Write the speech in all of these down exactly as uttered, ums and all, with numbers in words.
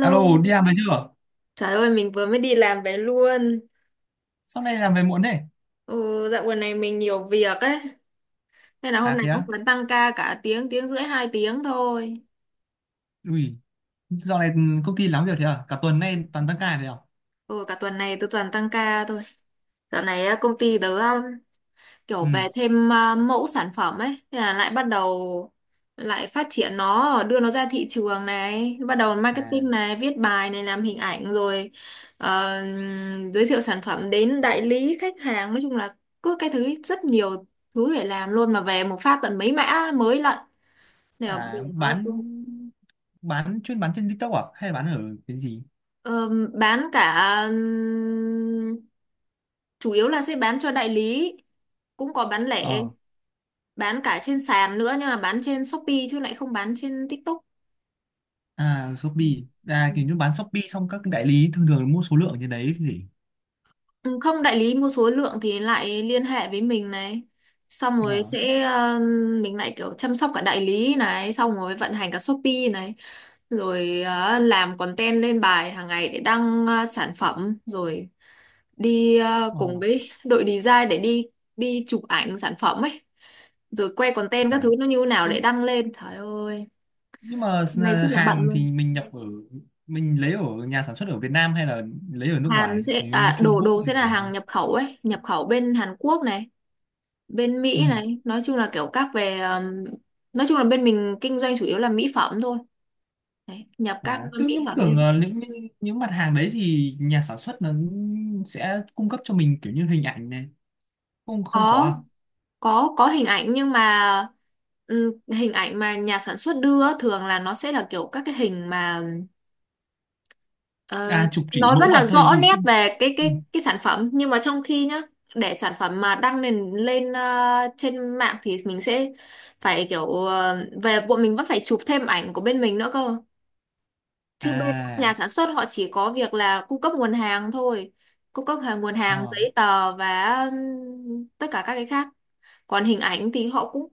Alo, đi làm về chưa? trời ơi mình vừa mới đi làm về luôn. Sau này làm về muộn thế? Ừ, dạo gần này mình nhiều việc ấy, nên là hôm À nay thế cũng á? vẫn tăng ca cả tiếng, tiếng rưỡi, hai tiếng thôi. Ui, dạo này công ty lắm việc thế à? Cả tuần nay toàn tăng ca thế à? Ừ, cả tuần này tôi toàn tăng ca thôi. Dạo này á, công ty tớ kiểu Ừ. về thêm à, mẫu sản phẩm ấy, thế là lại bắt đầu lại phát triển nó, đưa nó ra thị trường này, bắt đầu À, marketing này, viết bài này, làm hình ảnh rồi ờ, giới thiệu sản phẩm đến đại lý khách hàng. Nói chung là cứ cái thứ rất nhiều thứ để làm luôn, mà về một phát tận mấy mã mới lận. Nên là bây à giờ bán cũng, bán chuyên bán trên TikTok à? Hay là bán ở cái gì? ờ, bán cả ừm, chủ yếu là sẽ bán cho đại lý, cũng có bán lẻ, Ờ, bán cả trên sàn nữa, nhưng mà bán trên Shopee chứ lại không bán trên TikTok. à Ừ. Shopee. À Ừ. kiểu như bán Shopee xong các đại lý thường thường mua số lượng trên đấy chứ gì? Ừ, không, đại lý mua số lượng thì lại liên hệ với mình này, xong Ờ, rồi sẽ ờ, mình lại kiểu chăm sóc cả đại lý này, xong rồi vận hành cả Shopee này, rồi ờ, làm content lên bài hàng ngày để đăng ờ, sản phẩm, rồi đi ờ, ờ, cùng với đội design để đi đi chụp ảnh sản phẩm ấy, rồi quay content các phải. thứ nó như thế nào để Nhưng đăng lên. Trời ơi nhưng mà hôm nay s- rất là bận hàng luôn. thì mình nhập ở mình lấy ở nhà sản xuất ở Việt Nam hay là lấy ở nước Hàn ngoài? sẽ Như, như à, Trung đồ Quốc đồ hay sẽ là là ở hàng đâu? nhập khẩu ấy, nhập khẩu bên Hàn Quốc này, bên Ừ. Mỹ này, nói chung là kiểu các về um, nói chung là bên mình kinh doanh chủ yếu là mỹ phẩm thôi. Đấy, nhập các À, tôi mỹ nhưng phẩm như tưởng thế. ờ, những những những mặt hàng đấy thì nhà sản xuất nó sẽ cung cấp cho mình kiểu như hình ảnh này không không Có có. có có hình ảnh, nhưng mà ừm, hình ảnh mà nhà sản xuất đưa á, thường là nó sẽ là kiểu các cái hình mà, ờ, À, à chụp chỉ nó rất mẫu là vật thôi rõ gì? nét về cái Ừ. cái cái sản phẩm, nhưng mà trong khi nhá, để sản phẩm mà đăng lên lên ờ, trên mạng thì mình sẽ phải kiểu ờ, về, bọn mình vẫn phải chụp thêm ảnh của bên mình nữa cơ, chứ bên nhà à sản xuất họ chỉ có việc là cung cấp nguồn hàng thôi, cung cấp hàng nguồn hàng ờ giấy tờ và tất cả các cái khác. Còn hình ảnh thì họ cũng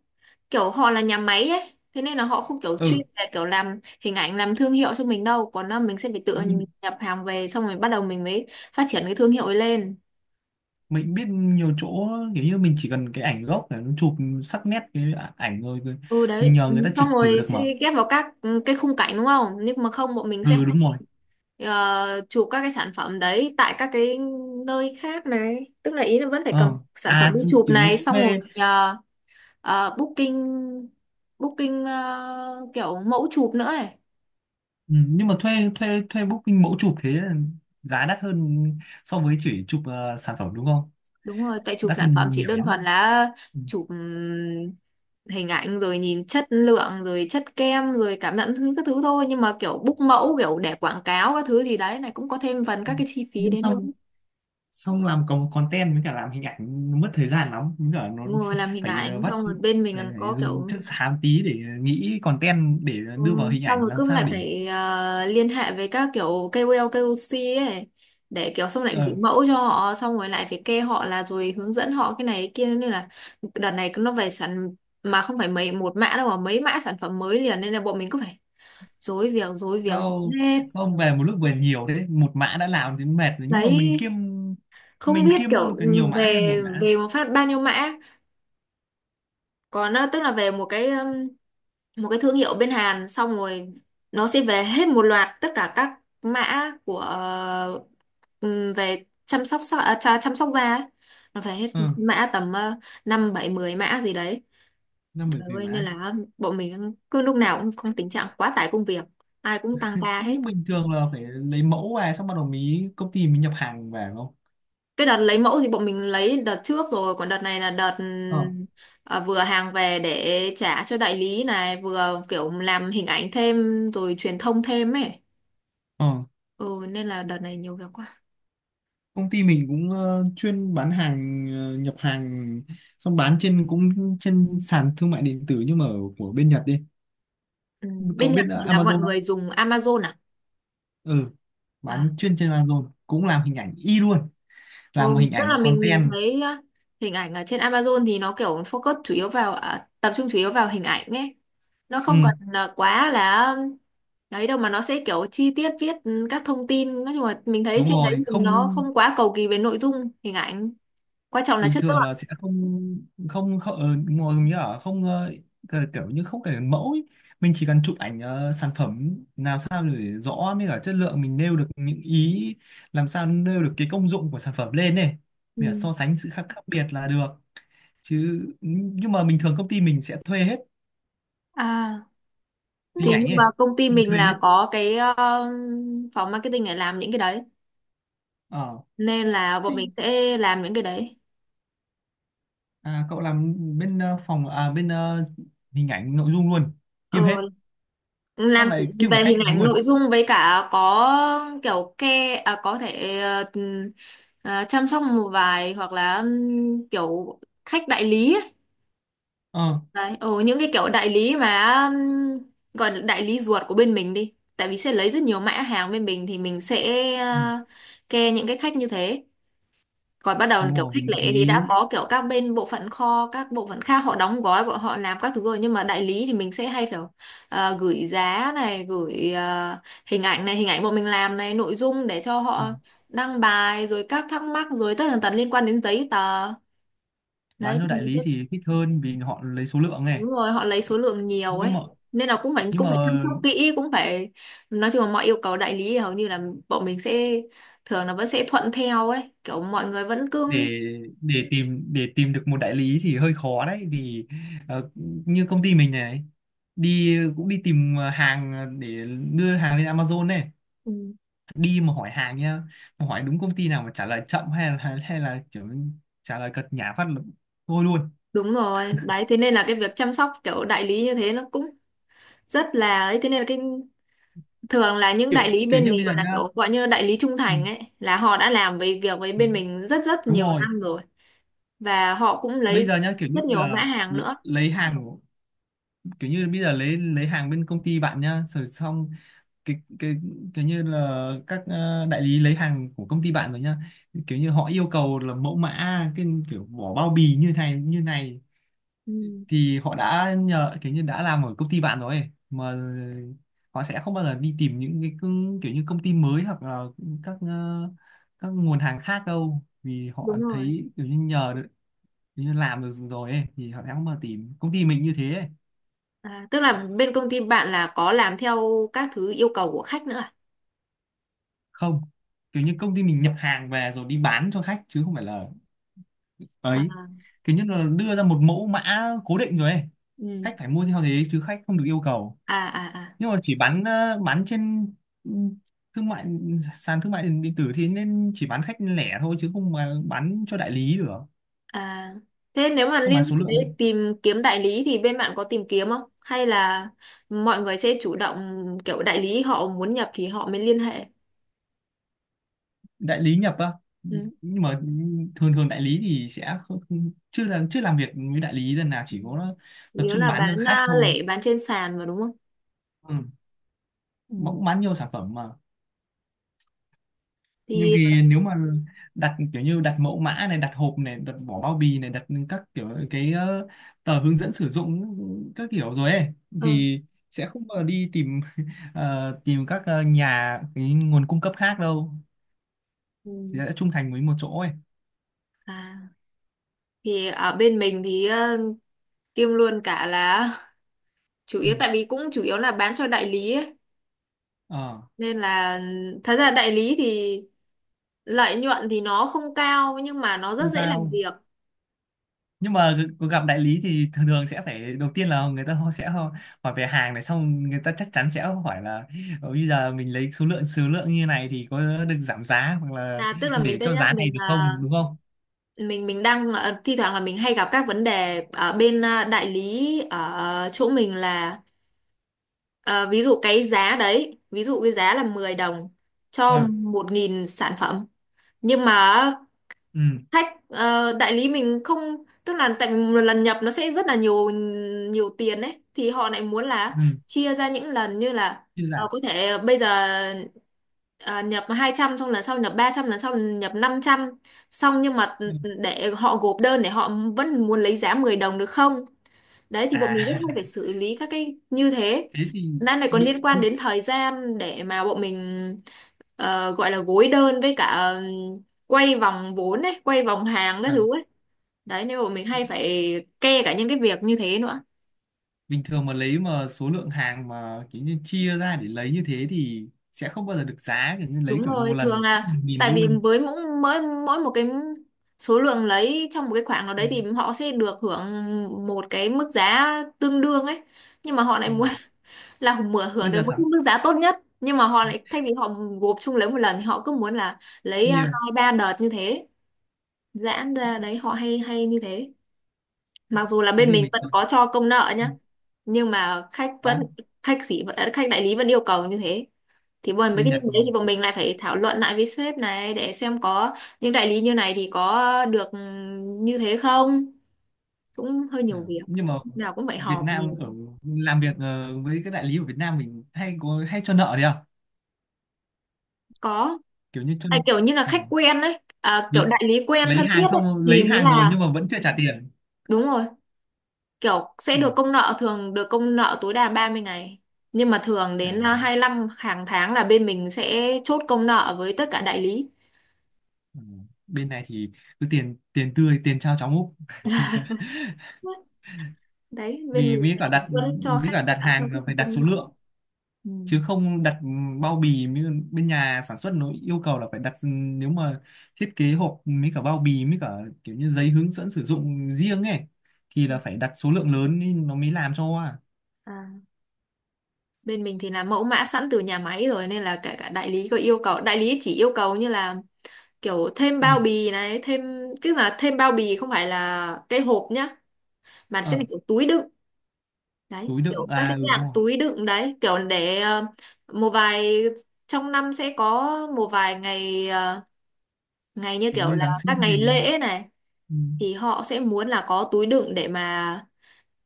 kiểu họ là nhà máy ấy, thế nên là họ không kiểu chuyên ừ, về kiểu làm hình ảnh, làm thương hiệu cho mình đâu, còn là mình sẽ phải tự mình, nhập hàng về, xong rồi bắt đầu mình mới phát triển cái thương hiệu ấy lên. mình biết nhiều chỗ kiểu như mình chỉ cần cái ảnh gốc để nó chụp sắc nét cái ả- ảnh rồi rồi Ừ mình đấy, nhờ người ta ừ, xong chỉnh sửa rồi được mà. sẽ ghép vào các ừ, cái khung cảnh đúng không, nhưng mà không, bọn mình sẽ Ừ, phải, đúng rồi. ờ, chụp các cái sản phẩm đấy tại các cái nơi khác này, tức là ý là vẫn phải cầm ờ sản phẩm à đi Chứ chụp kiểu như này, xong rồi thuê. ờ, ờ, booking, booking ờ, kiểu mẫu chụp nữa ấy. Ừ, nhưng mà thuê thuê thuê booking mẫu chụp thế là giá đắt hơn so với chỉ chụp ờ, sản phẩm đúng không? Đúng rồi, tại chụp Đắt sản phẩm hơn chỉ nhiều đơn thuần lắm. là Ừ. chụp ừm, hình ảnh rồi nhìn chất lượng rồi chất kem rồi cảm nhận thứ các thứ thôi, nhưng mà kiểu book mẫu kiểu để quảng cáo các thứ thì đấy này cũng có thêm phần các cái chi phí Nhưng đến xong luôn. xong làm còn content với cả làm hình ảnh nó mất thời gian lắm, cũng là nó Đúng rồi, làm hình phải ờ, ảnh vắt. xong rồi bên mình phải, còn phải có dùng kiểu, chất xám tí để nghĩ content để đưa vào ừ, hình xong ảnh rồi làm cứ sao lại để phải ờ, liên hệ với các kiểu ca o lờ, ca o xê ấy, để kiểu xong lại gửi ờ, mẫu cho họ, xong rồi lại phải kê họ là, rồi hướng dẫn họ cái này cái kia, nên là đợt này nó về sản, mà không phải mấy một mã đâu mà mấy mã sản phẩm mới liền, nên là bọn mình cứ phải rối việc rối việc sau rối hết. xong về một lúc về nhiều thế. Một mã đã làm thì mệt rồi nhưng mà mình Đấy kiêm không mình biết kiêm kiểu luôn cả nhiều mã hay là về một mã? về một phát bao nhiêu mã, còn ờ, tức là về một cái một cái thương hiệu bên Hàn, xong rồi nó sẽ về hết một loạt tất cả các mã của ờ, ừm, về chăm sóc da- à, chà- chăm sóc da ấy. Nó về hết Ừ, mã tầm uh, năm bảy mười mã gì đấy. năm bảy Trời mười ơi nên mã. là bọn mình cứ lúc nào cũng không, tình trạng quá tải công việc, ai cũng tăng ca hết. Nhưng bình thường là phải lấy mẫu về xong bắt đầu mới công ty mình nhập hàng về đúng không? Cái đợt lấy mẫu thì bọn mình lấy đợt trước rồi, còn đợt này là đợt ờ ừm, ờ, vừa hàng về để trả cho đại lý này, vừa kiểu làm hình ảnh thêm rồi truyền thông thêm ấy. ờ Ừ, nên là đợt này nhiều việc quá. Công ty mình cũng ờ, chuyên bán hàng, ờ, nhập hàng xong bán trên, cũng trên sàn thương mại điện tử nhưng mà ở của bên Nhật đi. Ừ. Bên Cậu Nhật biết thì ờ, là mọi Amazon không? người dùng Amazon à? Ừ, À, bán chuyên trên Amazon cũng làm hình ảnh y luôn. Làm một ừ, hình tức là ảnh mình mình content. thấy á, hình ảnh ở trên Amazon thì nó kiểu focus chủ yếu vào à, tập trung chủ yếu vào hình ảnh ấy. Nó không Ừ, còn là quá là đấy đâu, mà nó sẽ kiểu chi tiết viết ừ, các thông tin. Nói chung là mình thấy đúng trên đấy rồi. thì nó Không, không quá cầu kỳ về nội dung, hình ảnh. Quan trọng là bình chất thường lượng. là sẽ không không không ờ, ngồi như ở không, ờ, kiểu kiểu như không cần mẫu ấy. Mình chỉ cần chụp ảnh ờ, sản phẩm làm sao để rõ mới cả chất lượng, mình nêu được những ý, làm sao nêu được cái công dụng của sản phẩm lên này. Ừ. Mình phải so sánh sự khác, khác biệt là được chứ. Nhưng mà bình thường công ty mình sẽ thuê hết À, hình thì ảnh nhưng ấy, mà công ty mình thuê hết. là có cái ờ, phòng marketing để làm những cái đấy, ờ nên là Thế bọn mình sẽ làm những cái đấy. à? Cậu làm bên ờ, phòng, à, bên ờ, hình ảnh nội dung luôn? ờ, Kiêm hết, làm xong chỉ lại kiêm cả về khách hình hàng ảnh luôn. nội dung, với cả có kiểu ke à, có thể ờ, ừm, à, chăm sóc một vài hoặc là ừm, kiểu khách đại lý ấy. Ờ, Đấy ờ, những cái kiểu đại lý mà ừm, gọi là đại lý ruột của bên mình đi, tại vì sẽ lấy rất nhiều mã hàng bên mình, thì mình sẽ ờ, ke những cái khách như thế, còn bắt đầu đúng kiểu rồi, vì khách đại lẻ thì đã lý. có kiểu các bên bộ phận kho, các bộ phận khác họ đóng gói, bọn họ làm các thứ rồi, nhưng mà đại lý thì mình sẽ hay phải ờ, gửi giá này, gửi ờ, hình ảnh này, hình ảnh bọn mình làm này, nội dung để cho Ừ, họ đăng bài, rồi các thắc mắc rồi tất tần tật liên quan đến giấy tờ. bán Đấy cho thì đại mình sẽ, lý thì thích hơn vì họ lấy số lượng này. đúng rồi, họ lấy số lượng nhiều nhưng mà ấy, nên là cũng phải nhưng cũng phải chăm mà sóc kỹ, cũng phải, nói chung là mọi yêu cầu đại lý hầu như là bọn mình sẽ thường là vẫn sẽ thuận theo ấy, kiểu mọi người vẫn cứ. để để tìm để tìm được một đại lý thì hơi khó đấy vì ờ, như công ty mình này, đi cũng đi tìm hàng để đưa hàng lên Amazon này, đi mà hỏi hàng nhá, mà hỏi đúng công ty nào mà trả lời chậm hay là hay là kiểu trả lời cật nhả phát là thôi luôn. Đúng rồi, đấy thế nên là cái việc chăm sóc kiểu đại lý như thế nó cũng rất là ấy, thế nên là cái, thường là những đại kiểu lý kiểu bên như mình bây giờ gọi nhá. là kiểu gọi như đại lý trung Ừ, thành ấy, là họ đã làm về việc với ừ, bên mình rất rất đúng nhiều rồi. năm rồi, và họ cũng Bây lấy giờ nhá, kiểu như rất nhiều mã là hàng l- nữa. lấy hàng, kiểu như bây giờ lấy lấy hàng bên công ty bạn nhá rồi xong, cái cái kiểu như là các ờ, đại lý lấy hàng của công ty bạn rồi nhá, kiểu như họ yêu cầu là mẫu mã, cái kiểu vỏ bao bì như này như này Ừ, thì họ đã nhờ kiểu như đã làm ở công ty bạn rồi ấy, mà họ sẽ không bao giờ đi tìm những cái cưng- kiểu như công ty mới hoặc là các ờ, các nguồn hàng khác đâu vì họ đúng rồi. thấy kiểu như nhờ được, kiểu như làm được rồi ấy, thì họ sẽ không bao giờ tìm công ty mình như thế ấy. À, tức là bên công ty bạn là có làm theo các thứ yêu cầu của khách nữa à? Không, kiểu như công ty mình nhập hàng về rồi đi bán cho khách chứ không phải là ấy, À, kiểu như là đưa ra một mẫu mã cố định rồi ấy. ừ. Khách phải mua theo thế chứ khách không được yêu cầu. À à à. Nhưng mà chỉ bán ờ, bán trên, ừ, thương mại sàn thương mại điện điện tử thì nên chỉ bán khách lẻ thôi chứ không mà bán cho đại lý được. À, thế nếu mà Không liên bán số hệ lượng ấy. với tìm kiếm đại lý thì bên bạn có tìm kiếm không? Hay là mọi người sẽ chủ động kiểu đại lý họ muốn nhập thì họ mới liên hệ? Đại lý nhập á. Ừ. Nhưng mà thường thường đại lý thì sẽ không, chưa là chưa làm việc với đại lý lần nào, Ừ. chỉ có tập Yếu trung là bán cho bán khách à, thôi. lẻ, bán trên sàn mà đúng không? Ừ. Ừ. Mà cũng bán nhiều sản phẩm mà. Nhưng Thì vì nếu mà đặt kiểu như đặt mẫu mã này, đặt hộp này, đặt vỏ bao bì này, đặt các kiểu cái ờ, tờ hướng dẫn sử dụng các kiểu rồi ấy ừ. thì sẽ không bao giờ đi tìm ờ, tìm các ờ, nhà cái nguồn cung cấp khác đâu, Ừ. thì sẽ trung thành với một chỗ ấy. À, thì ở bên mình thì ờ, kiêm luôn cả là chủ Ừ. yếu, tại vì cũng chủ yếu là bán cho đại lý ấy. ờ Nên là thật ra đại lý thì lợi nhuận thì nó không cao, nhưng mà nó rất Không dễ làm cao việc. nhưng mà gặp đại lý thì thường thường sẽ phải đầu tiên là người ta họ sẽ ho- hỏi về hàng này, xong người ta chắc chắn sẽ hỏi là "Ờ, bây giờ mình lấy số lượng số lượng như này thì có được giảm giá hoặc là À, tức là mình để đây cho nhá, giá này mình được à, không đúng không?" mình mình đang ờ, thi thoảng là mình hay gặp các vấn đề ở bên ờ, đại lý ở chỗ mình là, ờ, ví dụ cái giá đấy, ví dụ cái giá là mười đồng Ừ, cho một nghìn sản phẩm, nhưng mà ừ, hack ờ, đại lý mình không, tức là tại vì một lần nhập nó sẽ rất là nhiều nhiều tiền ấy, thì họ lại muốn là ừ. chia ra những lần như là Chưa ờ, giảm. có thể bây giờ ờ, nhập hai trăm, xong lần sau nhập ba trăm, lần sau nhập năm trăm xong, nhưng mà Ừ. ừ, để họ gộp đơn, để họ vẫn muốn lấy giá mười đồng được không. Đấy thì bọn mình rất À hay phải xử lý các cái như thế. thế thì. Đang này còn bị, liên quan bị- đến thời gian để mà bọn mình ờ, gọi là gối đơn với cả ừm, quay vòng vốn ấy, quay vòng hàng các ờ, thứ ấy. Đấy nên bọn mình hay phải kê cả những cái việc như thế nữa. Bình thường mà lấy mà số lượng hàng mà kiểu như chia ra để lấy như thế thì sẽ không bao giờ được giá kiểu như lấy Đúng kiểu như rồi, một lần thường một phát là một nghìn tại vì luôn. với mỗi mỗi mỗi một cái số lượng lấy trong một cái khoảng nào Ừ. đấy thì họ sẽ được hưởng một cái mức giá tương đương ấy. Nhưng mà họ lại Đúng muốn rồi. là mở hưởng Bây được giờ một cái sẵn mức giá tốt nhất, nhưng mà họ lại thay vì họ gộp chung lấy một lần thì họ cứ muốn là lấy à, hai chia ba đợt như thế, giãn ra đấy, họ hay hay như thế, mặc dù là công bên ty mình mình vẫn rồi. có cho công nợ Ừ. nhá, nhưng mà khách vẫn Đó, khách sĩ vẫn- à, khách đại lý vẫn yêu cầu như thế, thì bọn mấy bên cái như Nhật thế thì bọn thì- mình lại phải thảo luận lại với sếp này để xem có những đại lý như này thì có được ừ, như thế không, cũng hơi nhiều ờ, việc, nhưng mà lúc nào cũng phải Việt họp Nam nhiều. ở làm việc ờ, với các đại lý ở Việt Nam mình hay có hay cho nợ đấy à? Có, Kiểu như cho tại kiểu như là khách ờ, quen đấy à, kiểu lấy, đại lý quen lấy thân thiết hàng ấy xong thì lấy mới hàng rồi là nhưng mà vẫn chưa trả tiền. đúng rồi, kiểu sẽ Ừ. được công nợ, thường được công nợ tối đa ba mươi ngày, nhưng mà thường đến à, À, hai mươi lăm hàng tháng là bên mình sẽ chốt công nợ với tất cả đại lý. ừ. Bên này thì cứ tiền tiền tươi, tiền trao cháo múc. Đấy bên Vì mình mới cả thì đặt vẫn cho mới khách cả đặt à, cho hàng khách là hàng phải đặt số công nợ. lượng Ừ. chứ không đặt bao bì như bên nhà sản xuất nó yêu cầu là phải đặt nếu mà thiết kế hộp mấy cả bao bì, mấy cả kiểu như giấy hướng dẫn sử dụng riêng ấy thì là phải đặt số lượng lớn ý, nó mới làm cho. À, À, bên mình thì là mẫu mã sẵn từ nhà máy rồi, nên là cả cả đại lý có yêu cầu, đại lý chỉ yêu cầu như là kiểu thêm ừ. bao bì này, thêm, tức là thêm bao bì không phải là cái hộp nhá, mà sẽ là ờ, kiểu túi đựng. Đấy túi đựng kiểu các à? cái Ừ, đúng dạng rồi, túi đựng đấy, kiểu để ờ, một vài, trong năm sẽ có một vài ngày ờ, ngày như kiểu kiểu như là Giáng sinh các này ngày đi. lễ này, Ừ. thì họ sẽ muốn là có túi đựng để mà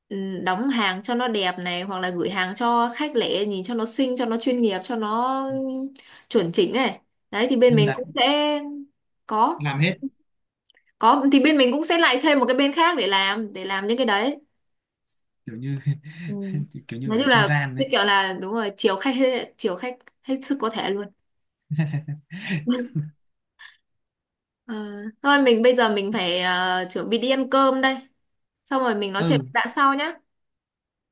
ừm, đóng hàng cho nó đẹp này, hoặc là gửi hàng cho khách lẻ nhìn cho nó xinh cho nó chuyên nghiệp cho nó chuẩn chỉnh này. Đấy thì bên Nhưng mình mà đặt cũng sẽ có làm hết. có thì bên mình cũng sẽ lại thêm một cái bên khác để làm để làm những cái đấy. Kiểu như Ừ. kiểu Nói như chung ở trung là gian như đấy. kiểu là đúng rồi, chiều khách hết- chiều khách hết sức có thể luôn. Ờ, thôi mình bây giờ mình phải ờ, chuẩn bị đi ăn cơm đây, xong rồi mình nói chuyện ừ, đã sau nhá.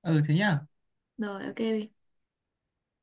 ừ, thế nhá. Rồi ok.